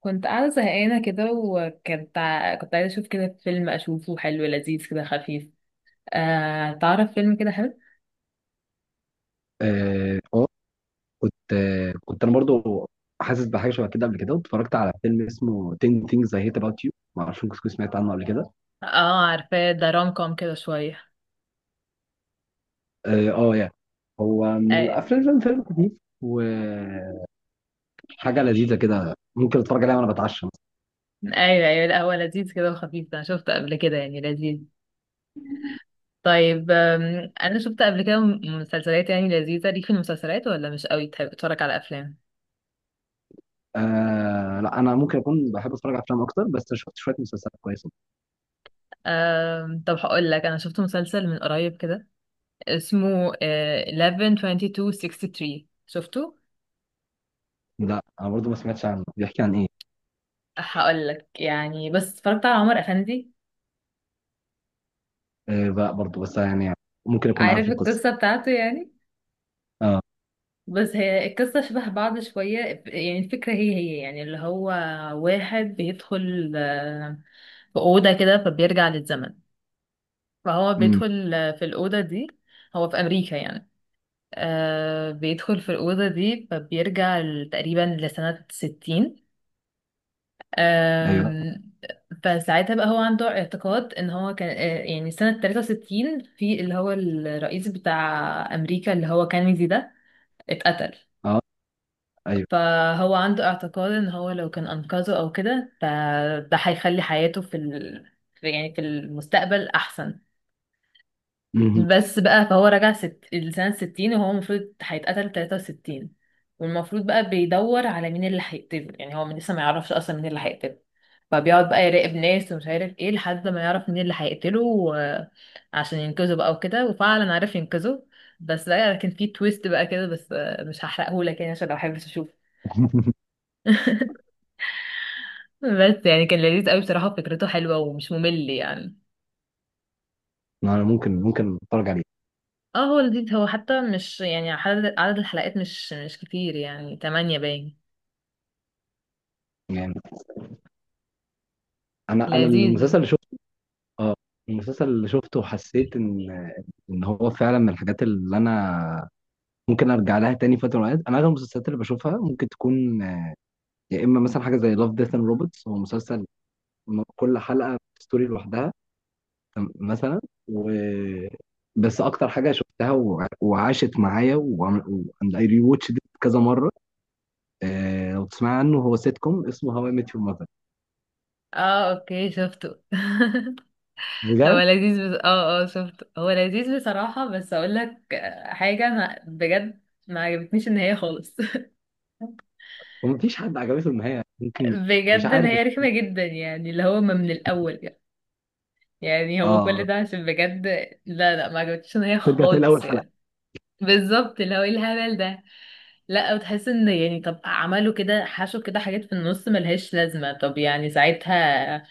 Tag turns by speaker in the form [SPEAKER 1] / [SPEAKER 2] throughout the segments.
[SPEAKER 1] كنت قاعدة زهقانة كده، وكنت ع- كنت عايزة أشوف كده فيلم أشوفه حلو لذيذ كده خفيف. تعرف فيلم كده حلو؟
[SPEAKER 2] اه آه، كنت كنت انا برضو حاسس بحاجه شبه كده قبل كده. واتفرجت على فيلم اسمه 10 Things I Hate About You. ما اعرفش ممكن تكون سمعت عنه قبل كده.
[SPEAKER 1] اه، عارفاه ده روم كوم كده شوية.
[SPEAKER 2] اه آه، يعني هو من
[SPEAKER 1] أي-
[SPEAKER 2] الافلام، فيلم خفيف وحاجه لذيذه كده، ممكن اتفرج عليها وانا بتعشى مثلا.
[SPEAKER 1] أيوه، أيوه، لا هو لذيذ كده وخفيف، أنا شفته قبل كده يعني لذيذ. طيب، أنا شفت قبل كده مسلسلات يعني لذيذة. ليك في المسلسلات ولا مش قوي تحب تتفرج على أفلام؟
[SPEAKER 2] آه لا، انا ممكن اكون بحب اتفرج على افلام اكتر، بس شفت شويه مسلسلات كويسه.
[SPEAKER 1] طب هقول لك، أنا شفت مسلسل من قريب كده اسمه 11 22 63، شفته؟
[SPEAKER 2] لا انا برضو ما سمعتش عنه، بيحكي عن ايه؟
[SPEAKER 1] هقول لك، يعني بس اتفرجت على عمر افندي.
[SPEAKER 2] آه بقى برضو، بس يعني ممكن اكون عارف
[SPEAKER 1] عارف
[SPEAKER 2] القصه.
[SPEAKER 1] القصه بتاعته يعني.
[SPEAKER 2] اه.
[SPEAKER 1] بس هي القصه شبه بعض شويه، يعني الفكره هي هي، يعني اللي هو واحد بيدخل في اوضه كده فبيرجع للزمن. فهو
[SPEAKER 2] امم.
[SPEAKER 1] بيدخل في الاوضه دي، هو في امريكا يعني. بيدخل في الاوضه دي فبيرجع تقريبا لسنه 60.
[SPEAKER 2] ايوه.
[SPEAKER 1] فساعتها بقى هو عنده اعتقاد ان هو كان، يعني سنة 63، في اللي هو الرئيس بتاع امريكا اللي هو كينيدي ده اتقتل.
[SPEAKER 2] اه. ايوه.
[SPEAKER 1] فهو عنده اعتقاد ان هو لو كان انقذه او كده، ده هيخلي حياته يعني في المستقبل احسن.
[SPEAKER 2] مهم.
[SPEAKER 1] بس بقى فهو رجع لسنة ستين، وهو المفروض هيتقتل تلاتة وستين. والمفروض بقى بيدور على مين اللي هيقتله، يعني هو لسه ما يعرفش أصلا مين اللي هيقتله. فبيقعد بقى يراقب ناس ومش عارف ايه، لحد ما يعرف مين اللي هيقتله عشان ينقذه بقى وكده، وفعلا عرف ينقذه. بس بقى كان في تويست بقى كده، بس مش هحرقهولك يعني عشان لو حابب تشوفه. بس يعني كان لذيذ قوي بصراحة، فكرته حلوة ومش ممل يعني.
[SPEAKER 2] انا ممكن اتفرج عليه.
[SPEAKER 1] اه، هو لذيذ، هو حتى مش يعني عدد الحلقات مش كتير يعني، تمانية باين.
[SPEAKER 2] يعني انا
[SPEAKER 1] لذيذ
[SPEAKER 2] المسلسل
[SPEAKER 1] يعني.
[SPEAKER 2] اللي شفته، اه، المسلسل اللي شفته وحسيت ان هو فعلا من الحاجات اللي انا ممكن ارجع لها تاني فتره من الأوقات. انا اغلب المسلسلات اللي بشوفها ممكن تكون يا اما مثلا حاجه زي لاف ديث اند روبوتس، هو مسلسل كل حلقه ستوري لوحدها. مثلا و بس اكتر حاجه شفتها وعاشت معايا واند اي ري واتش كذا مره. آه، لو تسمع عنه هو سيت كوم اسمه هواي ميت يور ماذر.
[SPEAKER 1] اه، اوكي شفته. هو
[SPEAKER 2] بجد.
[SPEAKER 1] لذيذ بس اه، اه، شفته، هو لذيذ بصراحة، بس اقول لك حاجة، انا بجد ما عجبتنيش النهاية خالص.
[SPEAKER 2] ومفيش حد عجبته النهايه ممكن. مش
[SPEAKER 1] بجد
[SPEAKER 2] عارف.
[SPEAKER 1] نهاية رخمة جدا يعني، اللي هو ما من الاول يعني، يعني هو كل
[SPEAKER 2] اه،
[SPEAKER 1] ده عشان بجد. لا، لا، ما عجبتنيش النهاية
[SPEAKER 2] ترجع تلاقي اول
[SPEAKER 1] خالص
[SPEAKER 2] حلقه.
[SPEAKER 1] يعني. بالظبط، اللي هو ايه الهبل ده. لا وتحس ان، يعني طب عملوا كده حشوا كده حاجات في النص ملهاش لازمة، طب يعني ساعتها،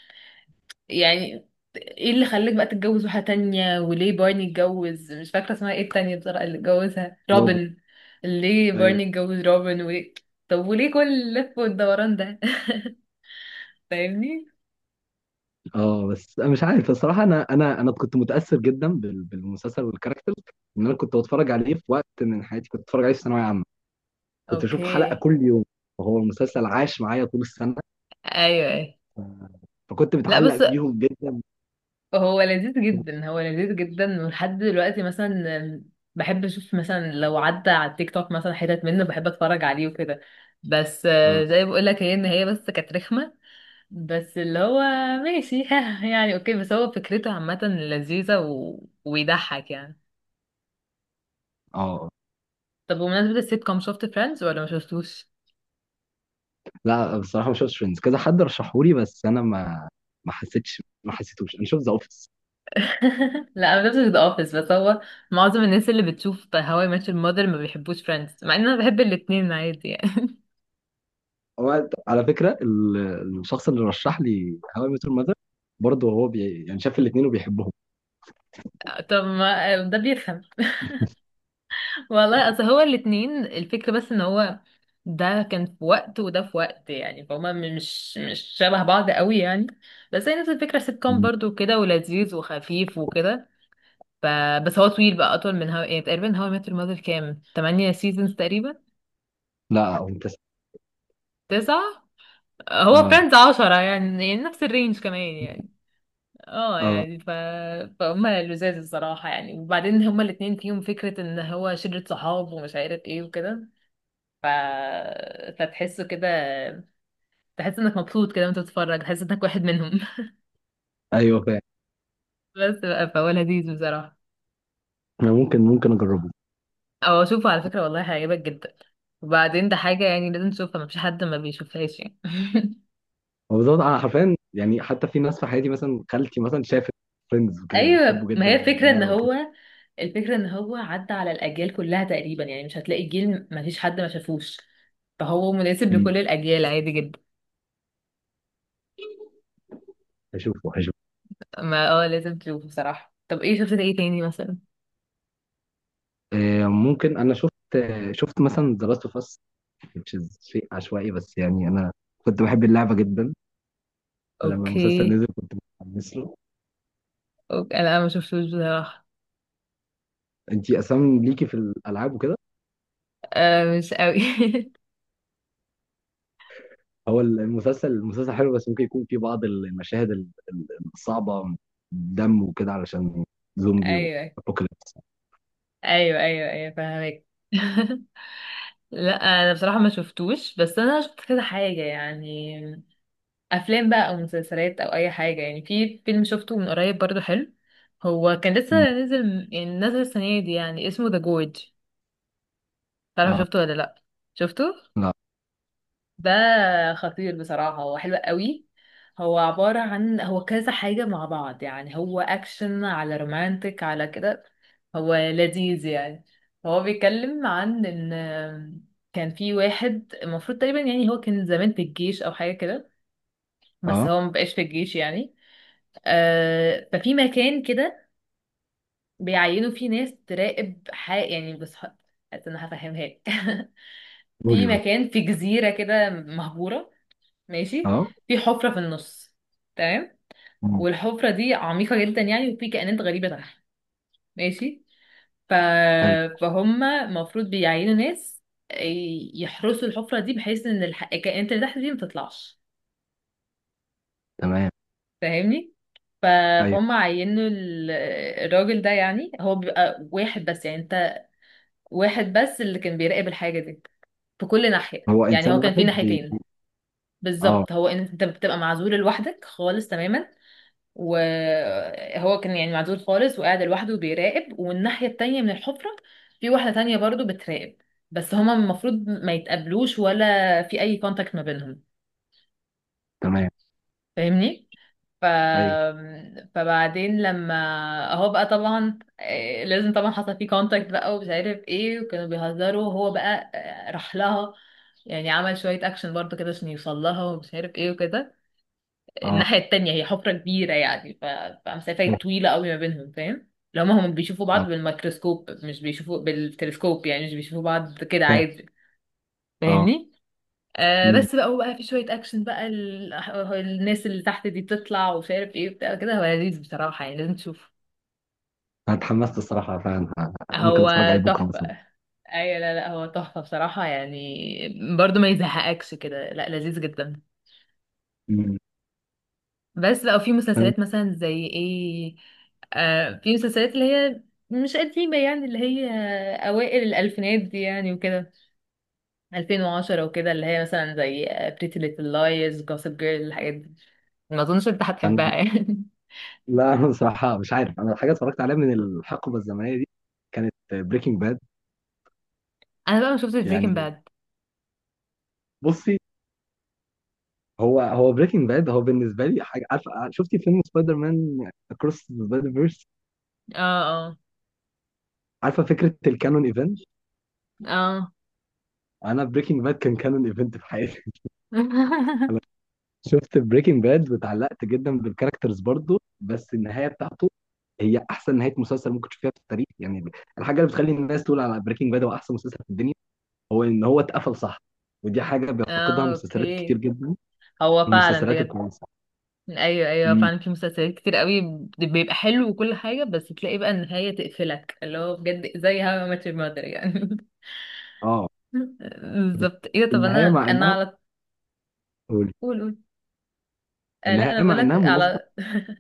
[SPEAKER 1] يعني ايه اللي خلاك بقى تتجوز واحدة تانية؟ وليه بارني اتجوز، مش فاكرة اسمها ايه التانية بصراحة، اللي اتجوزها
[SPEAKER 2] برافو.
[SPEAKER 1] روبن. ليه
[SPEAKER 2] ايوه.
[SPEAKER 1] بارني اتجوز روبن؟ وليه؟ طب وليه كل اللف والدوران ده؟ فاهمني؟
[SPEAKER 2] اه بس أنا مش عارف الصراحه، انا كنت متاثر جدا بالمسلسل والكاركترز. ان انا كنت بتفرج عليه في وقت من حياتي، كنت بتفرج عليه في ثانويه عامه، كنت اشوف حلقه
[SPEAKER 1] اوكي،
[SPEAKER 2] كل يوم وهو المسلسل عاش معايا طول السنه،
[SPEAKER 1] ايوه، ايوه.
[SPEAKER 2] فكنت
[SPEAKER 1] لا
[SPEAKER 2] متعلق
[SPEAKER 1] بس
[SPEAKER 2] بيهم جدا.
[SPEAKER 1] هو لذيذ جدا، هو لذيذ جدا، ولحد دلوقتي مثلا بحب اشوف، مثلا لو عدى على التيك توك مثلا حتت منه بحب اتفرج عليه وكده. بس زي بقول لك، هي ان هي بس كانت رخمه، بس اللي هو ماشي يعني، اوكي، بس هو فكرته عامه لذيذه ويضحك يعني.
[SPEAKER 2] اه.
[SPEAKER 1] طب بمناسبة السيت كوم، شفت فريندز ولا ما شفتوش؟
[SPEAKER 2] لا بصراحه ما شفتش فريندز، كذا حد رشحهولي بس انا ما حسيتوش. انا شفت ذا اوفيس.
[SPEAKER 1] لا، انا ما شفتش ذا اوفيس، بس هو معظم الناس اللي بتشوف هواي I ماتش المادر ما بيحبوش فريندز، مع ان انا بحب الاتنين عادي يعني.
[SPEAKER 2] هو على فكره الشخص اللي رشح لي هاو اي ميت يور ماذر برضه هو يعني شاف الاثنين وبيحبهم.
[SPEAKER 1] طب ما ده بيفهم. والله اصل هو الاتنين الفكرة، بس ان هو ده كان في وقت وده في وقت، يعني فهما مش شبه بعض قوي يعني. بس هي نفس الفكرة، سيت كوم برضه كده، ولذيذ وخفيف وكده. ف... بس هو طويل بقى، اطول من هوا يعني، تقريبا هوا متر مother كام تمانية سيزونز تقريبا.
[SPEAKER 2] لا هو ممتاز.
[SPEAKER 1] تسعة. هو
[SPEAKER 2] اه.
[SPEAKER 1] فريندز عشرة يعني، يعني نفس الرينج كمان يعني. اه
[SPEAKER 2] اه.
[SPEAKER 1] يعني، فهما لذاذ الصراحة يعني، وبعدين هما الاتنين فيهم فكرة ان هو شلة صحاب ومش عارف ايه وكده. ف... فتحسه كده، تحس انك مبسوط كده وانت بتتفرج، تحس انك واحد منهم.
[SPEAKER 2] ايوه فاهم.
[SPEAKER 1] بس بقى فهو لذيذ بصراحة.
[SPEAKER 2] انا ممكن اجربه.
[SPEAKER 1] او اشوفه على فكرة، والله هيعجبك جدا، وبعدين ده حاجة يعني لازم تشوفها، مفيش حد ما بيشوفهاش يعني.
[SPEAKER 2] هو بالظبط، انا حرفيا يعني حتى في ناس في حياتي مثلا، خالتي مثلا شافت فريندز وكانت بتحبه
[SPEAKER 1] ايوه، ما
[SPEAKER 2] جدا
[SPEAKER 1] هي
[SPEAKER 2] وهي
[SPEAKER 1] الفكرة ان
[SPEAKER 2] صغيره وكده.
[SPEAKER 1] هو الفكرة ان هو عدى على الاجيال كلها تقريبا، يعني مش هتلاقي جيل مفيش حد ما شافوش، فهو مناسب
[SPEAKER 2] مم.
[SPEAKER 1] لكل الاجيال عادي جدا.
[SPEAKER 2] هشوفه هشوفه.
[SPEAKER 1] ما اه، لازم تشوفه بصراحة. طب ايه، شفت ايه تاني مثلا؟
[SPEAKER 2] آه ممكن، انا شفت، شفت مثلا ذا لاست اوف اس، شيء عشوائي بس يعني انا كنت بحب اللعبه جدا، فلما المسلسل
[SPEAKER 1] اوكي،
[SPEAKER 2] نزل كنت متحمس له.
[SPEAKER 1] اوكي، أنا ما شفتوش بصراحة.
[SPEAKER 2] انت اصلا ليكي في الالعاب وكده.
[SPEAKER 1] مش قوي.
[SPEAKER 2] هو المسلسل، المسلسل حلو بس ممكن يكون فيه بعض المشاهد الصعبه، دم وكده، علشان زومبي
[SPEAKER 1] ايوه،
[SPEAKER 2] وابوكاليبس.
[SPEAKER 1] ايوه، ايوه، ايوه، فاهمك. لا، انا بصراحة ما شفتوش، بس انا شفت كذا حاجة يعني، افلام بقى او مسلسلات او اي حاجة يعني. في فيلم شفته من قريب برضو حلو، هو كان لسه نازل يعني، نازل السنة دي يعني، اسمه ذا جورج. تعرف، شفته ولا لا؟ شفته.
[SPEAKER 2] لأ.
[SPEAKER 1] ده خطير بصراحة، هو حلو قوي. هو عبارة عن، هو كذا حاجة مع بعض يعني، هو أكشن على رومانتك على كده، هو لذيذ يعني. هو بيتكلم عن إن كان في واحد، المفروض تقريبا يعني هو كان زمان في الجيش أو حاجة كده، بس
[SPEAKER 2] آه،
[SPEAKER 1] هو مبقاش في الجيش يعني. ففي مكان كده بيعينوا فيه ناس تراقب حق يعني، بس حاسة إن أنا هفهمها لك.
[SPEAKER 2] قولي،
[SPEAKER 1] في
[SPEAKER 2] قولي.
[SPEAKER 1] مكان في جزيرة كده مهجورة، ماشي،
[SPEAKER 2] آه،
[SPEAKER 1] في حفرة في النص، تمام،
[SPEAKER 2] إمم،
[SPEAKER 1] والحفرة دي عميقة جدا يعني، وفي كائنات غريبة تحت، ماشي. ف...
[SPEAKER 2] حلو،
[SPEAKER 1] فهم المفروض بيعينوا ناس يحرسوا الحفرة دي، بحيث ان الكائنات اللي تحت دي ما تطلعش،
[SPEAKER 2] تمام،
[SPEAKER 1] فاهمني؟ ف...
[SPEAKER 2] أيوه،
[SPEAKER 1] فهم عينوا الراجل ده، يعني هو بيبقى واحد بس، يعني انت واحد بس اللي كان بيراقب الحاجة دي في كل ناحية،
[SPEAKER 2] هو
[SPEAKER 1] يعني
[SPEAKER 2] إنسان
[SPEAKER 1] هو كان في
[SPEAKER 2] واحد
[SPEAKER 1] ناحيتين.
[SPEAKER 2] آه،
[SPEAKER 1] بالظبط، هو ان انت بتبقى معزول لوحدك خالص تماما، وهو كان يعني معزول خالص وقاعد لوحده بيراقب، والناحية التانية من الحفرة في واحدة تانية برضو بتراقب، بس هما المفروض ما يتقابلوش ولا في أي كونتاكت ما بينهم.
[SPEAKER 2] تمام،
[SPEAKER 1] فاهمني؟ ف...
[SPEAKER 2] أيوه،
[SPEAKER 1] فبعدين لما هو بقى طبعا، لازم طبعا حصل فيه كونتاكت بقى ومش عارف ايه، وكانوا بيهزروا وهو بقى راح لها، يعني عمل شوية اكشن برضو كده عشان يوصل لها ومش عارف ايه وكده.
[SPEAKER 2] آه،
[SPEAKER 1] الناحية التانية هي حفرة كبيرة يعني،
[SPEAKER 2] فاهم،
[SPEAKER 1] فمسافة طويلة قوي ما بينهم، فاهم؟ لو هما، هم بيشوفوا
[SPEAKER 2] آه،
[SPEAKER 1] بعض بالميكروسكوب، مش بيشوفوا بالتلسكوب، يعني مش بيشوفوا بعض كده
[SPEAKER 2] فاهم،
[SPEAKER 1] عادي.
[SPEAKER 2] آه،
[SPEAKER 1] فاهمني؟
[SPEAKER 2] إمم،
[SPEAKER 1] بس بقى هو بقى في شوية أكشن بقى الناس اللي تحت دي تطلع ومش عارف ايه بتاع كده. هو لذيذ بصراحة يعني لازم تشوفه،
[SPEAKER 2] أنا اتحمست الصراحة فعلًا، ممكن
[SPEAKER 1] هو
[SPEAKER 2] أتفرج عليه بكرة
[SPEAKER 1] تحفة.
[SPEAKER 2] مثلًا.
[SPEAKER 1] أيوة، لا، لا، هو تحفة بصراحة يعني، برضو ما يزهقكش كده، لا، لذيذ جدا.
[SPEAKER 2] إمم،
[SPEAKER 1] بس بقى في
[SPEAKER 2] فاهم.
[SPEAKER 1] مسلسلات مثلا زي ايه، في مسلسلات اللي هي مش قديمة يعني، اللي هي أوائل الألفينات دي يعني وكده، 2010 وكده، اللي هي مثلا زي Pretty Little Liars، Gossip Girl، الحاجات دي. ما أظنش أنت
[SPEAKER 2] أنا
[SPEAKER 1] هتحبها يعني.
[SPEAKER 2] لأ، أنا بصراحة مش عارف. أنا الحاجة اتفرجت عليها من الحقبة الزمنية دي كانت Breaking Bad.
[SPEAKER 1] أنا بقى ما شفتش بريكنج
[SPEAKER 2] يعني
[SPEAKER 1] باد.
[SPEAKER 2] بُصّي، هو Breaking Bad هو بالنسبة لي حاجة. عارفة شُفتِ فيلم Spider-Man Across the Spider-Verse؟
[SPEAKER 1] اه، اه،
[SPEAKER 2] عارفة فكرة الcanon event؟
[SPEAKER 1] اه.
[SPEAKER 2] أنا Breaking Bad كان canon event في حياتي. انا شفت بريكنج باد واتعلقت جدا بالكاركترز برضه، بس النهايه بتاعته هي احسن نهايه مسلسل ممكن تشوفها في التاريخ يعني. الحاجه اللي بتخلي الناس تقول على بريكنج باد هو احسن مسلسل في الدنيا هو ان هو اتقفل صح. ودي حاجه بيفتقدها
[SPEAKER 1] اه،
[SPEAKER 2] مسلسلات كتير
[SPEAKER 1] اوكي،
[SPEAKER 2] جدا.
[SPEAKER 1] هو فعلا
[SPEAKER 2] المسلسلات
[SPEAKER 1] بجد.
[SPEAKER 2] الكويسه.
[SPEAKER 1] ايوه، ايوه،
[SPEAKER 2] امم.
[SPEAKER 1] فعلا في مسلسلات كتير قوي بيبقى حلو وكل حاجه، بس تلاقي بقى النهايه تقفلك، اللي هو بجد زي هاو I Met Your Mother يعني.
[SPEAKER 2] اه. بس
[SPEAKER 1] بالظبط، ايه ده؟ طب
[SPEAKER 2] النهايه
[SPEAKER 1] انا
[SPEAKER 2] مع
[SPEAKER 1] انا
[SPEAKER 2] انها،
[SPEAKER 1] على،
[SPEAKER 2] قولي.
[SPEAKER 1] قول، قول. لا، انا
[SPEAKER 2] النهايه
[SPEAKER 1] بقول
[SPEAKER 2] مع انها
[SPEAKER 1] لك
[SPEAKER 2] مناسبه.
[SPEAKER 1] على،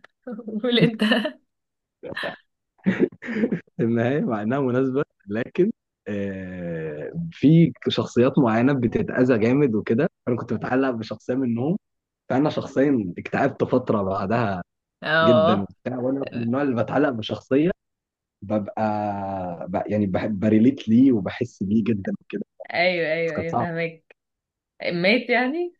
[SPEAKER 1] قول انت.
[SPEAKER 2] النهايه مع انها مناسبه، لكن آه، في شخصيات معينه بتتاذى جامد وكده، انا كنت متعلق بشخصيه منهم، فانا شخصيا اكتئبت فتره بعدها جدا
[SPEAKER 1] اه،
[SPEAKER 2] وبتاع. وانا من النوع اللي بتعلق بشخصيه، ببقى يعني بحب بريليت ليه وبحس بيه جدا وكده.
[SPEAKER 1] ايوه،
[SPEAKER 2] بس
[SPEAKER 1] ايوه،
[SPEAKER 2] كانت
[SPEAKER 1] ايوه،
[SPEAKER 2] صعبه.
[SPEAKER 1] فاهمك. مات يعني؟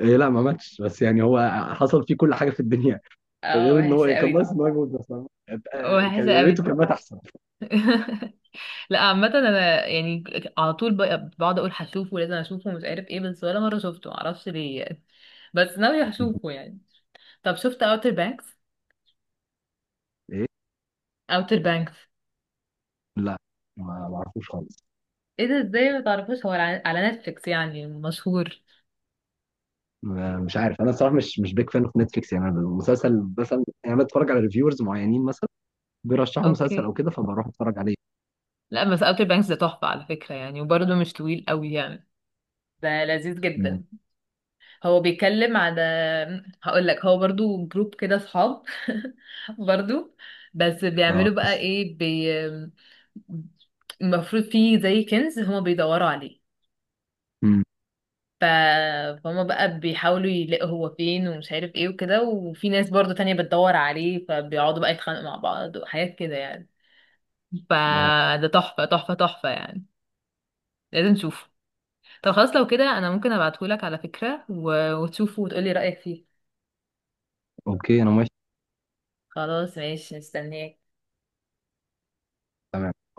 [SPEAKER 2] إيه لا ما ماتش، بس يعني هو حصل فيه كل حاجه في الدنيا،
[SPEAKER 1] اه،
[SPEAKER 2] غير ان
[SPEAKER 1] وحشه
[SPEAKER 2] هو
[SPEAKER 1] قوي
[SPEAKER 2] كان ناقص
[SPEAKER 1] دي.
[SPEAKER 2] ان هو يموت بس. آه،
[SPEAKER 1] وحشه
[SPEAKER 2] كان يا
[SPEAKER 1] قوي
[SPEAKER 2] ريته
[SPEAKER 1] دي.
[SPEAKER 2] كان مات احسن.
[SPEAKER 1] لا عامه انا يعني، على طول بقعد اقول هشوفه لازم اشوفه مش عارف ايه، بس ولا مره شفته، معرفش ليه يعني، بس ناوي هشوفه يعني. طب شفت اوتر بانكس؟
[SPEAKER 2] ايه
[SPEAKER 1] اوتر بانكس.
[SPEAKER 2] لا ما اعرفوش خالص.
[SPEAKER 1] ايه ده؟ ازاي ما تعرفوش؟ هو على نتفليكس يعني مشهور.
[SPEAKER 2] مش عارف، انا الصراحه مش بيك فان اوف نتفليكس يعني. أنا المسلسل مثلا يعني، انا بتفرج على ريفيورز معينين مثلا بيرشحوا مسلسل
[SPEAKER 1] اوكي.
[SPEAKER 2] او كده، فبروح اتفرج عليه.
[SPEAKER 1] لا بس اوتر بانكس ده تحفة على فكرة يعني، وبرضه مش طويل قوي يعني، ده لذيذ
[SPEAKER 2] مم.
[SPEAKER 1] جدا. هو بيتكلم على، هقول لك، هو برضه جروب كده صحاب، برضه بس
[SPEAKER 2] اه.
[SPEAKER 1] بيعملوا بقى ايه، المفروض فيه زي كنز هما بيدوروا عليه،
[SPEAKER 2] مم.
[SPEAKER 1] ف... فهما بقى بيحاولوا يلاقوا هو فين ومش عارف ايه وكده، وفي ناس برضه تانية بتدور عليه، فبيقعدوا بقى يتخانقوا مع بعض وحاجات كده يعني.
[SPEAKER 2] آه.
[SPEAKER 1] فده تحفة تحفة تحفة يعني، لازم تشوفه. طب خلاص، لو كده انا ممكن ابعتهولك على فكرة وتشوفه وتقولي رأيك فيه.
[SPEAKER 2] اوكي انا موافق.
[SPEAKER 1] خلاص، ماشي، مستنياك.
[SPEAKER 2] تمام.